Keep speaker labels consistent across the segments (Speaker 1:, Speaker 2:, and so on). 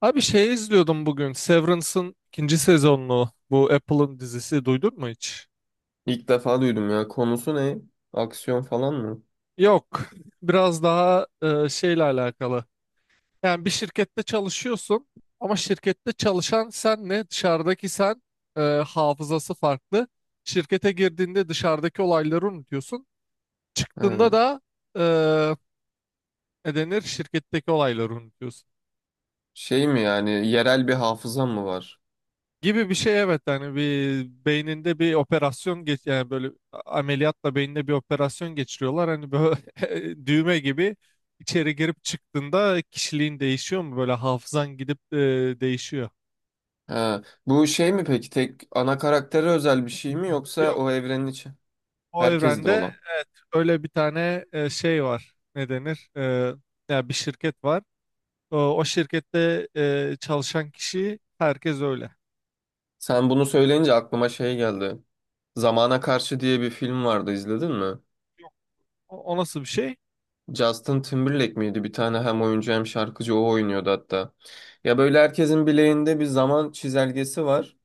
Speaker 1: Abi, şey izliyordum bugün. Severance'ın ikinci sezonunu. Bu Apple'ın dizisi, duydun mu hiç?
Speaker 2: İlk defa duydum ya. Konusu ne? Aksiyon falan mı?
Speaker 1: Yok. Biraz daha şeyle alakalı. Yani bir şirkette çalışıyorsun ama şirkette çalışan senle dışarıdaki sen hafızası farklı. Şirkete girdiğinde dışarıdaki olayları unutuyorsun. Çıktığında
Speaker 2: Ha.
Speaker 1: da ne denir? Şirketteki olayları unutuyorsun.
Speaker 2: Şey mi yani yerel bir hafızam mı var?
Speaker 1: Gibi bir şey, evet, hani bir beyninde bir operasyon geç, yani böyle ameliyatla beyninde bir operasyon geçiriyorlar, hani böyle düğme gibi içeri girip çıktığında kişiliğin değişiyor mu, böyle hafızan gidip değişiyor.
Speaker 2: Ha. Bu şey mi peki tek ana karaktere özel bir şey mi yoksa
Speaker 1: Yok,
Speaker 2: o evrenin içi
Speaker 1: o
Speaker 2: herkeste
Speaker 1: evrende
Speaker 2: olan?
Speaker 1: öyle bir tane şey var, ne denir? Ya bir şirket var, o şirkette çalışan kişi herkes öyle.
Speaker 2: Sen bunu söyleyince aklıma şey geldi. Zamana Karşı diye bir film vardı izledin mi?
Speaker 1: O nasıl bir şey?
Speaker 2: Justin Timberlake miydi? Bir tane hem oyuncu hem şarkıcı o oynuyordu hatta. Ya böyle herkesin bileğinde bir zaman çizelgesi var.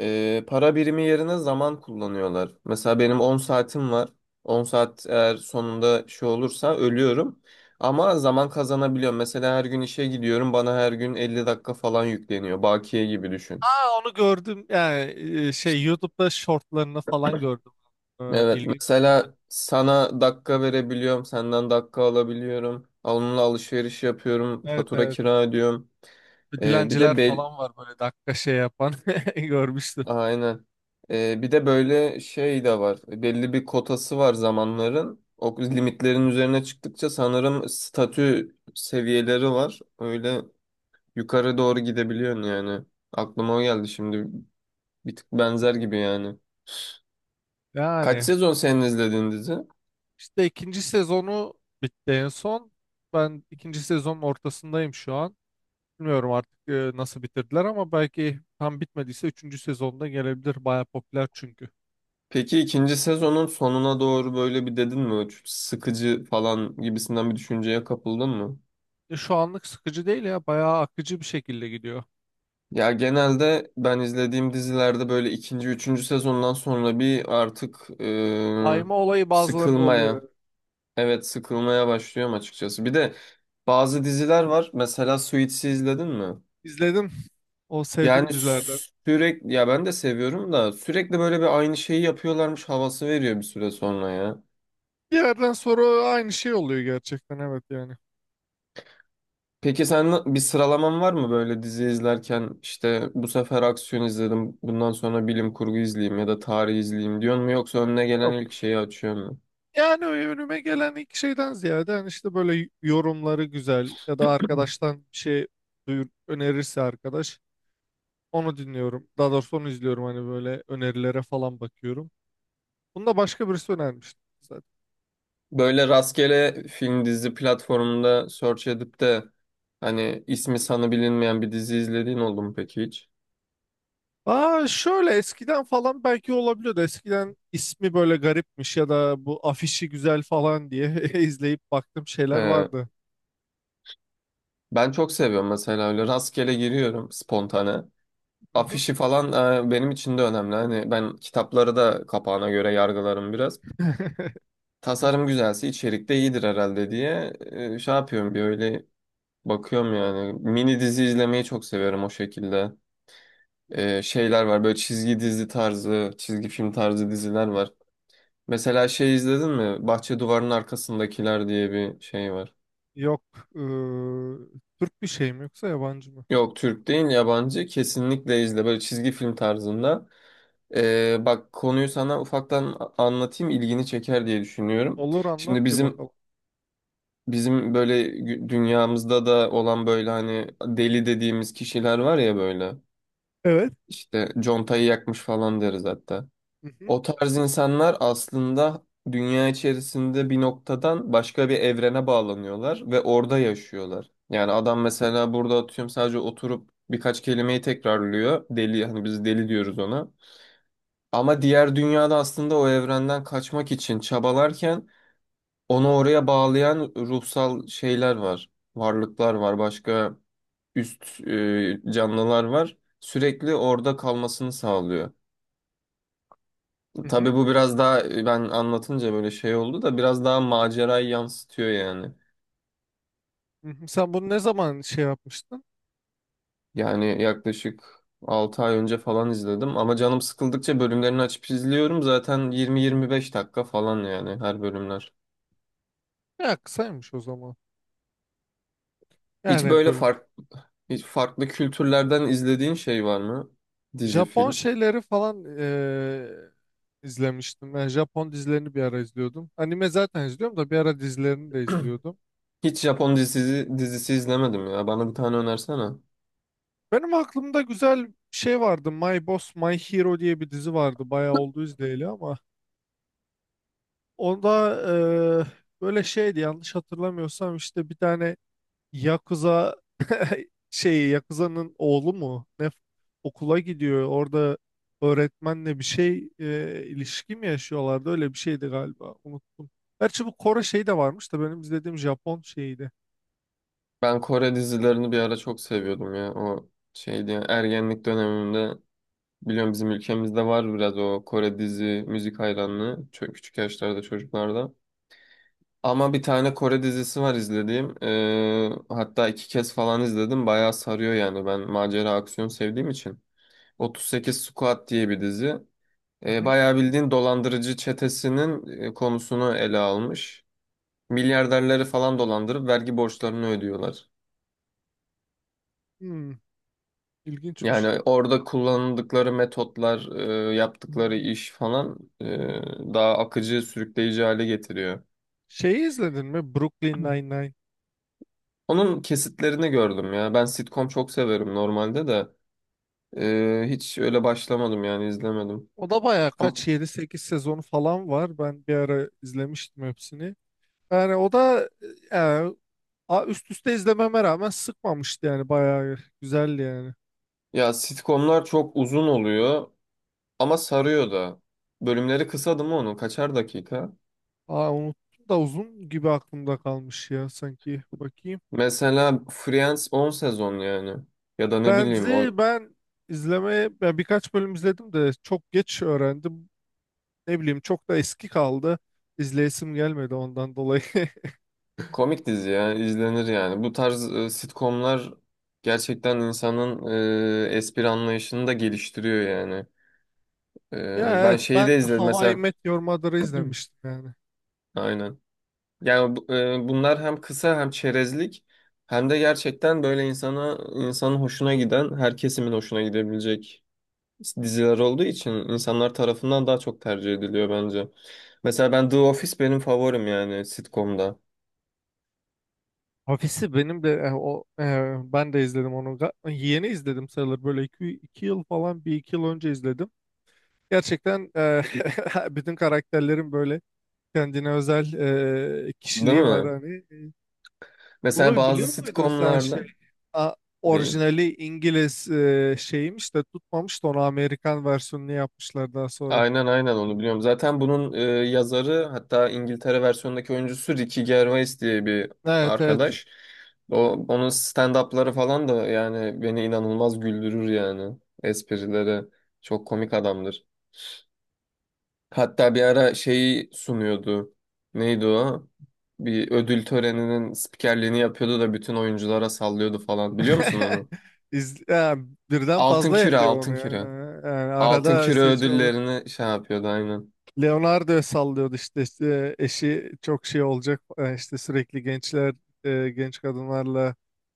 Speaker 2: Para birimi yerine zaman kullanıyorlar. Mesela benim 10 saatim var. 10 saat eğer sonunda şey olursa ölüyorum. Ama zaman kazanabiliyorum. Mesela her gün işe gidiyorum. Bana her gün 50 dakika falan yükleniyor. Bakiye gibi düşün.
Speaker 1: Aa, onu gördüm yani, şey, YouTube'da shortlarını falan gördüm. E,
Speaker 2: Evet,
Speaker 1: ilginç.
Speaker 2: mesela sana dakika verebiliyorum. Senden dakika alabiliyorum. Onunla alışveriş yapıyorum.
Speaker 1: Evet,
Speaker 2: Fatura
Speaker 1: evet.
Speaker 2: kira ödüyorum.
Speaker 1: Bir
Speaker 2: Ee, bir
Speaker 1: Dilenciler
Speaker 2: de bel-
Speaker 1: falan var, böyle dakika şey yapan görmüştüm.
Speaker 2: Aynen. Bir de böyle şey de var. Belli bir kotası var zamanların. O limitlerin üzerine çıktıkça sanırım statü seviyeleri var. Öyle yukarı doğru gidebiliyorsun yani. Aklıma o geldi şimdi. Bir tık benzer gibi yani. Kaç
Speaker 1: Yani
Speaker 2: sezon senin izlediğin dizi?
Speaker 1: işte ikinci sezonu bitti en son. Ben ikinci sezonun ortasındayım şu an. Bilmiyorum artık nasıl bitirdiler, ama belki tam bitmediyse üçüncü sezonda gelebilir. Baya popüler çünkü.
Speaker 2: Peki ikinci sezonun sonuna doğru böyle bir dedin mi? Çok sıkıcı falan gibisinden bir düşünceye kapıldın mı?
Speaker 1: Şu anlık sıkıcı değil ya. Bayağı akıcı bir şekilde gidiyor.
Speaker 2: Ya genelde ben izlediğim dizilerde böyle ikinci, üçüncü sezondan sonra bir artık
Speaker 1: Daima olayı bazılarında oluyor.
Speaker 2: evet, sıkılmaya başlıyorum açıkçası. Bir de bazı diziler var. Mesela Suits'i izledin mi?
Speaker 1: İzledim. O
Speaker 2: Yani
Speaker 1: sevdim dizilerden.
Speaker 2: sürekli, ya ben de seviyorum da sürekli böyle bir aynı şeyi yapıyorlarmış havası veriyor bir süre sonra ya.
Speaker 1: Bir yerden sonra aynı şey oluyor gerçekten, evet yani.
Speaker 2: Peki sen bir sıralaman var mı böyle dizi izlerken işte bu sefer aksiyon izledim, bundan sonra bilim kurgu izleyeyim ya da tarih izleyeyim diyor mu yoksa önüne gelen
Speaker 1: Yok.
Speaker 2: ilk şeyi açıyor mu?
Speaker 1: Yani önüme gelen ilk şeyden ziyade, hani işte böyle yorumları güzel ya da arkadaştan bir şey duyur, önerirse arkadaş, onu dinliyorum. Daha doğrusu onu izliyorum, hani böyle önerilere falan bakıyorum. Bunu da başka birisi önermişti zaten.
Speaker 2: Böyle rastgele film dizi platformunda search edip de hani ismi sanı bilinmeyen bir dizi izlediğin oldu mu peki hiç?
Speaker 1: Aa, şöyle eskiden falan belki olabiliyordu. Eskiden ismi böyle garipmiş ya da bu afişi güzel falan diye izleyip baktığım şeyler
Speaker 2: Ee,
Speaker 1: vardı.
Speaker 2: ben çok seviyorum mesela, öyle rastgele giriyorum spontane.
Speaker 1: Mhm.
Speaker 2: Afişi falan benim için de önemli. Hani ben kitapları da kapağına göre yargılarım biraz. Tasarım güzelse içerik de iyidir herhalde diye şey yapıyorum, bir öyle bakıyorum yani. Mini dizi izlemeyi çok seviyorum o şekilde. Şeyler var böyle çizgi dizi tarzı, çizgi film tarzı diziler var. Mesela şey izledin mi? Bahçe duvarının arkasındakiler diye bir şey var.
Speaker 1: Yok. eee, Türk bir şey mi, yoksa yabancı mı?
Speaker 2: Yok, Türk değil, yabancı, kesinlikle izle, böyle çizgi film tarzında. Bak, konuyu sana ufaktan anlatayım, ilgini çeker diye düşünüyorum.
Speaker 1: Olur, anlat
Speaker 2: Şimdi
Speaker 1: bir
Speaker 2: bizim
Speaker 1: bakalım.
Speaker 2: bizim böyle dünyamızda da olan böyle hani deli dediğimiz kişiler var ya böyle.
Speaker 1: Evet.
Speaker 2: İşte contayı yakmış falan deriz hatta.
Speaker 1: Hı hı.
Speaker 2: O tarz insanlar aslında dünya içerisinde bir noktadan başka bir evrene bağlanıyorlar ve orada yaşıyorlar. Yani adam mesela, burada atıyorum, sadece oturup birkaç kelimeyi tekrarlıyor. Deli, hani biz deli diyoruz ona. Ama diğer dünyada aslında o evrenden kaçmak için çabalarken onu oraya bağlayan ruhsal şeyler var. Varlıklar var, başka üst canlılar var. Sürekli orada kalmasını sağlıyor.
Speaker 1: Hı
Speaker 2: Tabii
Speaker 1: hı,
Speaker 2: bu biraz daha ben anlatınca böyle şey oldu da biraz daha macerayı yansıtıyor yani.
Speaker 1: hı hı. Sen bunu ne zaman şey yapmıştın?
Speaker 2: Yani yaklaşık 6 ay önce falan izledim ama canım sıkıldıkça bölümlerini açıp izliyorum. Zaten 20-25 dakika falan yani her bölümler.
Speaker 1: Ya kısaymış o zaman.
Speaker 2: Hiç
Speaker 1: Yani
Speaker 2: böyle
Speaker 1: bölüm.
Speaker 2: fark, hiç farklı kültürlerden izlediğin şey var mı? Dizi,
Speaker 1: Japon
Speaker 2: film.
Speaker 1: şeyleri falan izlemiştim. Ben Japon dizilerini bir ara izliyordum. Anime zaten izliyorum da bir ara dizilerini de izliyordum.
Speaker 2: Hiç Japon dizisi izlemedim ya. Bana bir tane önersene.
Speaker 1: Benim aklımda güzel bir şey vardı. My Boss My Hero diye bir dizi vardı. Bayağı oldu izleyeli ama. Onda eee, böyle şeydi, yanlış hatırlamıyorsam işte bir tane Yakuza şey, Yakuza'nın oğlu mu? Ne, okula gidiyor. Orada öğretmenle bir şey ilişki mi yaşıyorlardı? Öyle bir şeydi galiba. Unuttum. Gerçi bu Kore şeyi de varmış da benim izlediğim Japon şeyiydi.
Speaker 2: Ben Kore dizilerini bir ara çok seviyordum ya. O şeydi ya, ergenlik dönemimde. Biliyorum, bizim ülkemizde var biraz o Kore dizi müzik hayranlığı, çok küçük yaşlarda çocuklarda. Ama bir tane Kore dizisi var izlediğim. Hatta iki kez falan izledim. Bayağı sarıyor yani. Ben macera aksiyon sevdiğim için. 38 Squad diye bir dizi.
Speaker 1: Hı hı.
Speaker 2: Bayağı bildiğin dolandırıcı çetesinin konusunu ele almış. Milyarderleri falan dolandırıp vergi borçlarını ödüyorlar.
Speaker 1: Hmm, ilginçmiş.
Speaker 2: Yani orada kullandıkları metotlar, yaptıkları iş falan daha akıcı, sürükleyici hale getiriyor.
Speaker 1: Şeyi izledin mi? Brooklyn Nine-Nine.
Speaker 2: Onun kesitlerini gördüm ya. Ben sitcom çok severim normalde de hiç öyle başlamadım yani, izlemedim.
Speaker 1: O da bayağı
Speaker 2: Ama,
Speaker 1: kaç, yedi sekiz sezonu falan var. Ben bir ara izlemiştim hepsini. Yani o da yani, üst üste izlememe rağmen sıkmamıştı, yani bayağı güzeldi yani.
Speaker 2: ya sitcomlar çok uzun oluyor ama sarıyor da. Bölümleri kısa değil mi onun? Kaçar dakika?
Speaker 1: Aa, unuttum da uzun gibi aklımda kalmış ya, sanki. Bakayım.
Speaker 2: Mesela Friends 10 sezon yani. Ya da ne bileyim o
Speaker 1: Friends'i ben izlemeye, ben birkaç bölüm izledim de çok geç öğrendim. Ne bileyim, çok da eski kaldı. İzleyesim gelmedi ondan dolayı.
Speaker 2: Komik dizi ya, izlenir yani. Bu tarz sitcomlar gerçekten insanın espri anlayışını da geliştiriyor yani.
Speaker 1: Ya
Speaker 2: Ben
Speaker 1: evet,
Speaker 2: şeyi
Speaker 1: ben
Speaker 2: de izledim
Speaker 1: How I
Speaker 2: mesela.
Speaker 1: Met Your Mother'ı izlemiştim yani.
Speaker 2: Aynen. Yani bunlar hem kısa hem çerezlik hem de gerçekten böyle insana, insanın hoşuna giden, her kesimin hoşuna gidebilecek diziler olduğu için insanlar tarafından daha çok tercih ediliyor bence. Mesela ben The Office, benim favorim yani sitcomda.
Speaker 1: Ofisi benim de ben de izledim onu. Yeni izledim sayılır, böyle iki yıl falan, bir iki yıl önce izledim. Gerçekten bütün karakterlerin böyle kendine özel
Speaker 2: Değil
Speaker 1: kişiliği var
Speaker 2: mi?
Speaker 1: hani.
Speaker 2: Mesela
Speaker 1: Bunu
Speaker 2: bazı
Speaker 1: biliyor muydun sen, şey?
Speaker 2: sitcomlarda.
Speaker 1: A-
Speaker 2: Neyi?
Speaker 1: Orijinali İngiliz şeymiş de tutmamış da, onu Amerikan versiyonunu yapmışlar daha sonra.
Speaker 2: Aynen, aynen, onu biliyorum. Zaten bunun yazarı, hatta İngiltere versiyonundaki oyuncusu Ricky Gervais diye bir
Speaker 1: Evet, evet.
Speaker 2: arkadaş. O, onun stand-up'ları falan da yani beni inanılmaz güldürür yani. Esprileri çok komik adamdır. Hatta bir ara şeyi sunuyordu. Neydi o? Bir ödül töreninin spikerliğini yapıyordu da bütün oyunculara sallıyordu falan. Biliyor musun onu?
Speaker 1: Ya, birden
Speaker 2: Altın
Speaker 1: fazla
Speaker 2: Küre,
Speaker 1: yapıyor onu
Speaker 2: Altın
Speaker 1: ya.
Speaker 2: Küre.
Speaker 1: Yani
Speaker 2: Altın
Speaker 1: arada
Speaker 2: Küre
Speaker 1: seçiyor.
Speaker 2: ödüllerini şey yapıyordu aynen.
Speaker 1: Leonardo sallıyordu işte, işte eşi çok şey olacak işte, sürekli gençler genç kadınlarla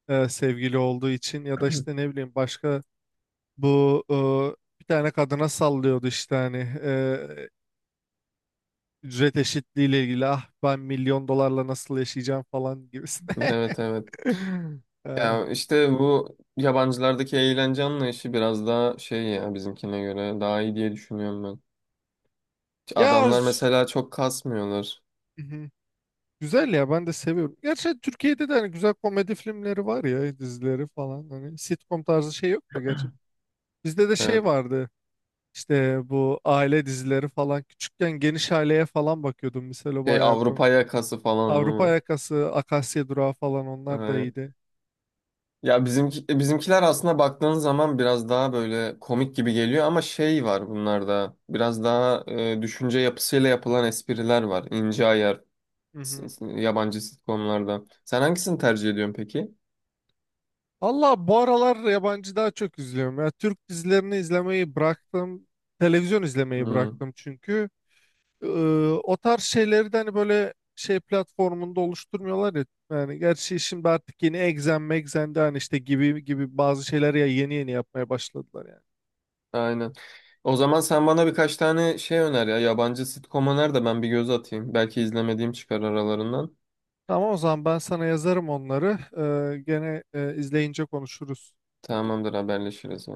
Speaker 1: sevgili olduğu için ya da işte ne bileyim, başka bu bir tane kadına sallıyordu, işte hani e, ücret eşitliği ile ilgili, ah ben milyon dolarla nasıl yaşayacağım falan gibisine.
Speaker 2: Evet, evet.
Speaker 1: Ee,
Speaker 2: Ya işte bu yabancılardaki eğlence anlayışı biraz daha şey ya, bizimkine göre daha iyi diye düşünüyorum ben.
Speaker 1: ya
Speaker 2: Adamlar mesela çok kasmıyorlar.
Speaker 1: Mhm. Güzel ya, ben de seviyorum. Gerçi Türkiye'de de hani güzel komedi filmleri var ya, dizileri falan. Hani sitcom tarzı şey yok da gerçi. Bizde de şey
Speaker 2: Evet.
Speaker 1: vardı işte, bu aile dizileri falan. Küçükken Geniş Aile'ye falan bakıyordum. Mesela
Speaker 2: Şey,
Speaker 1: bayağı
Speaker 2: Avrupa yakası falan değil
Speaker 1: Avrupa
Speaker 2: mi?
Speaker 1: Yakası, Akasya Durağı falan, onlar da
Speaker 2: Aynen.
Speaker 1: iyiydi.
Speaker 2: Ya bizimkiler aslında baktığın zaman biraz daha böyle komik gibi geliyor ama şey var bunlarda. Biraz daha düşünce yapısıyla yapılan espriler var. İnce ayar
Speaker 1: Hı hı.
Speaker 2: yabancı sitcomlarda. Sen hangisini tercih ediyorsun peki?
Speaker 1: Allah, bu aralar yabancı daha çok izliyorum. Ya Türk dizilerini izlemeyi bıraktım. Televizyon izlemeyi
Speaker 2: Hmm,
Speaker 1: bıraktım çünkü. Ee, O tarz şeyleri de hani böyle şey platformunda oluşturmuyorlar ya. Yani gerçi şimdi artık yeni Exxen Mexxen de hani işte gibi gibi bazı şeyler, ya yeni yeni yapmaya başladılar yani.
Speaker 2: aynen. O zaman sen bana birkaç tane şey öner ya. Yabancı sitcom öner de ben bir göz atayım. Belki izlemediğim çıkar aralarından.
Speaker 1: Tamam, o zaman ben sana yazarım onları. Gene izleyince konuşuruz.
Speaker 2: Tamamdır, haberleşiriz.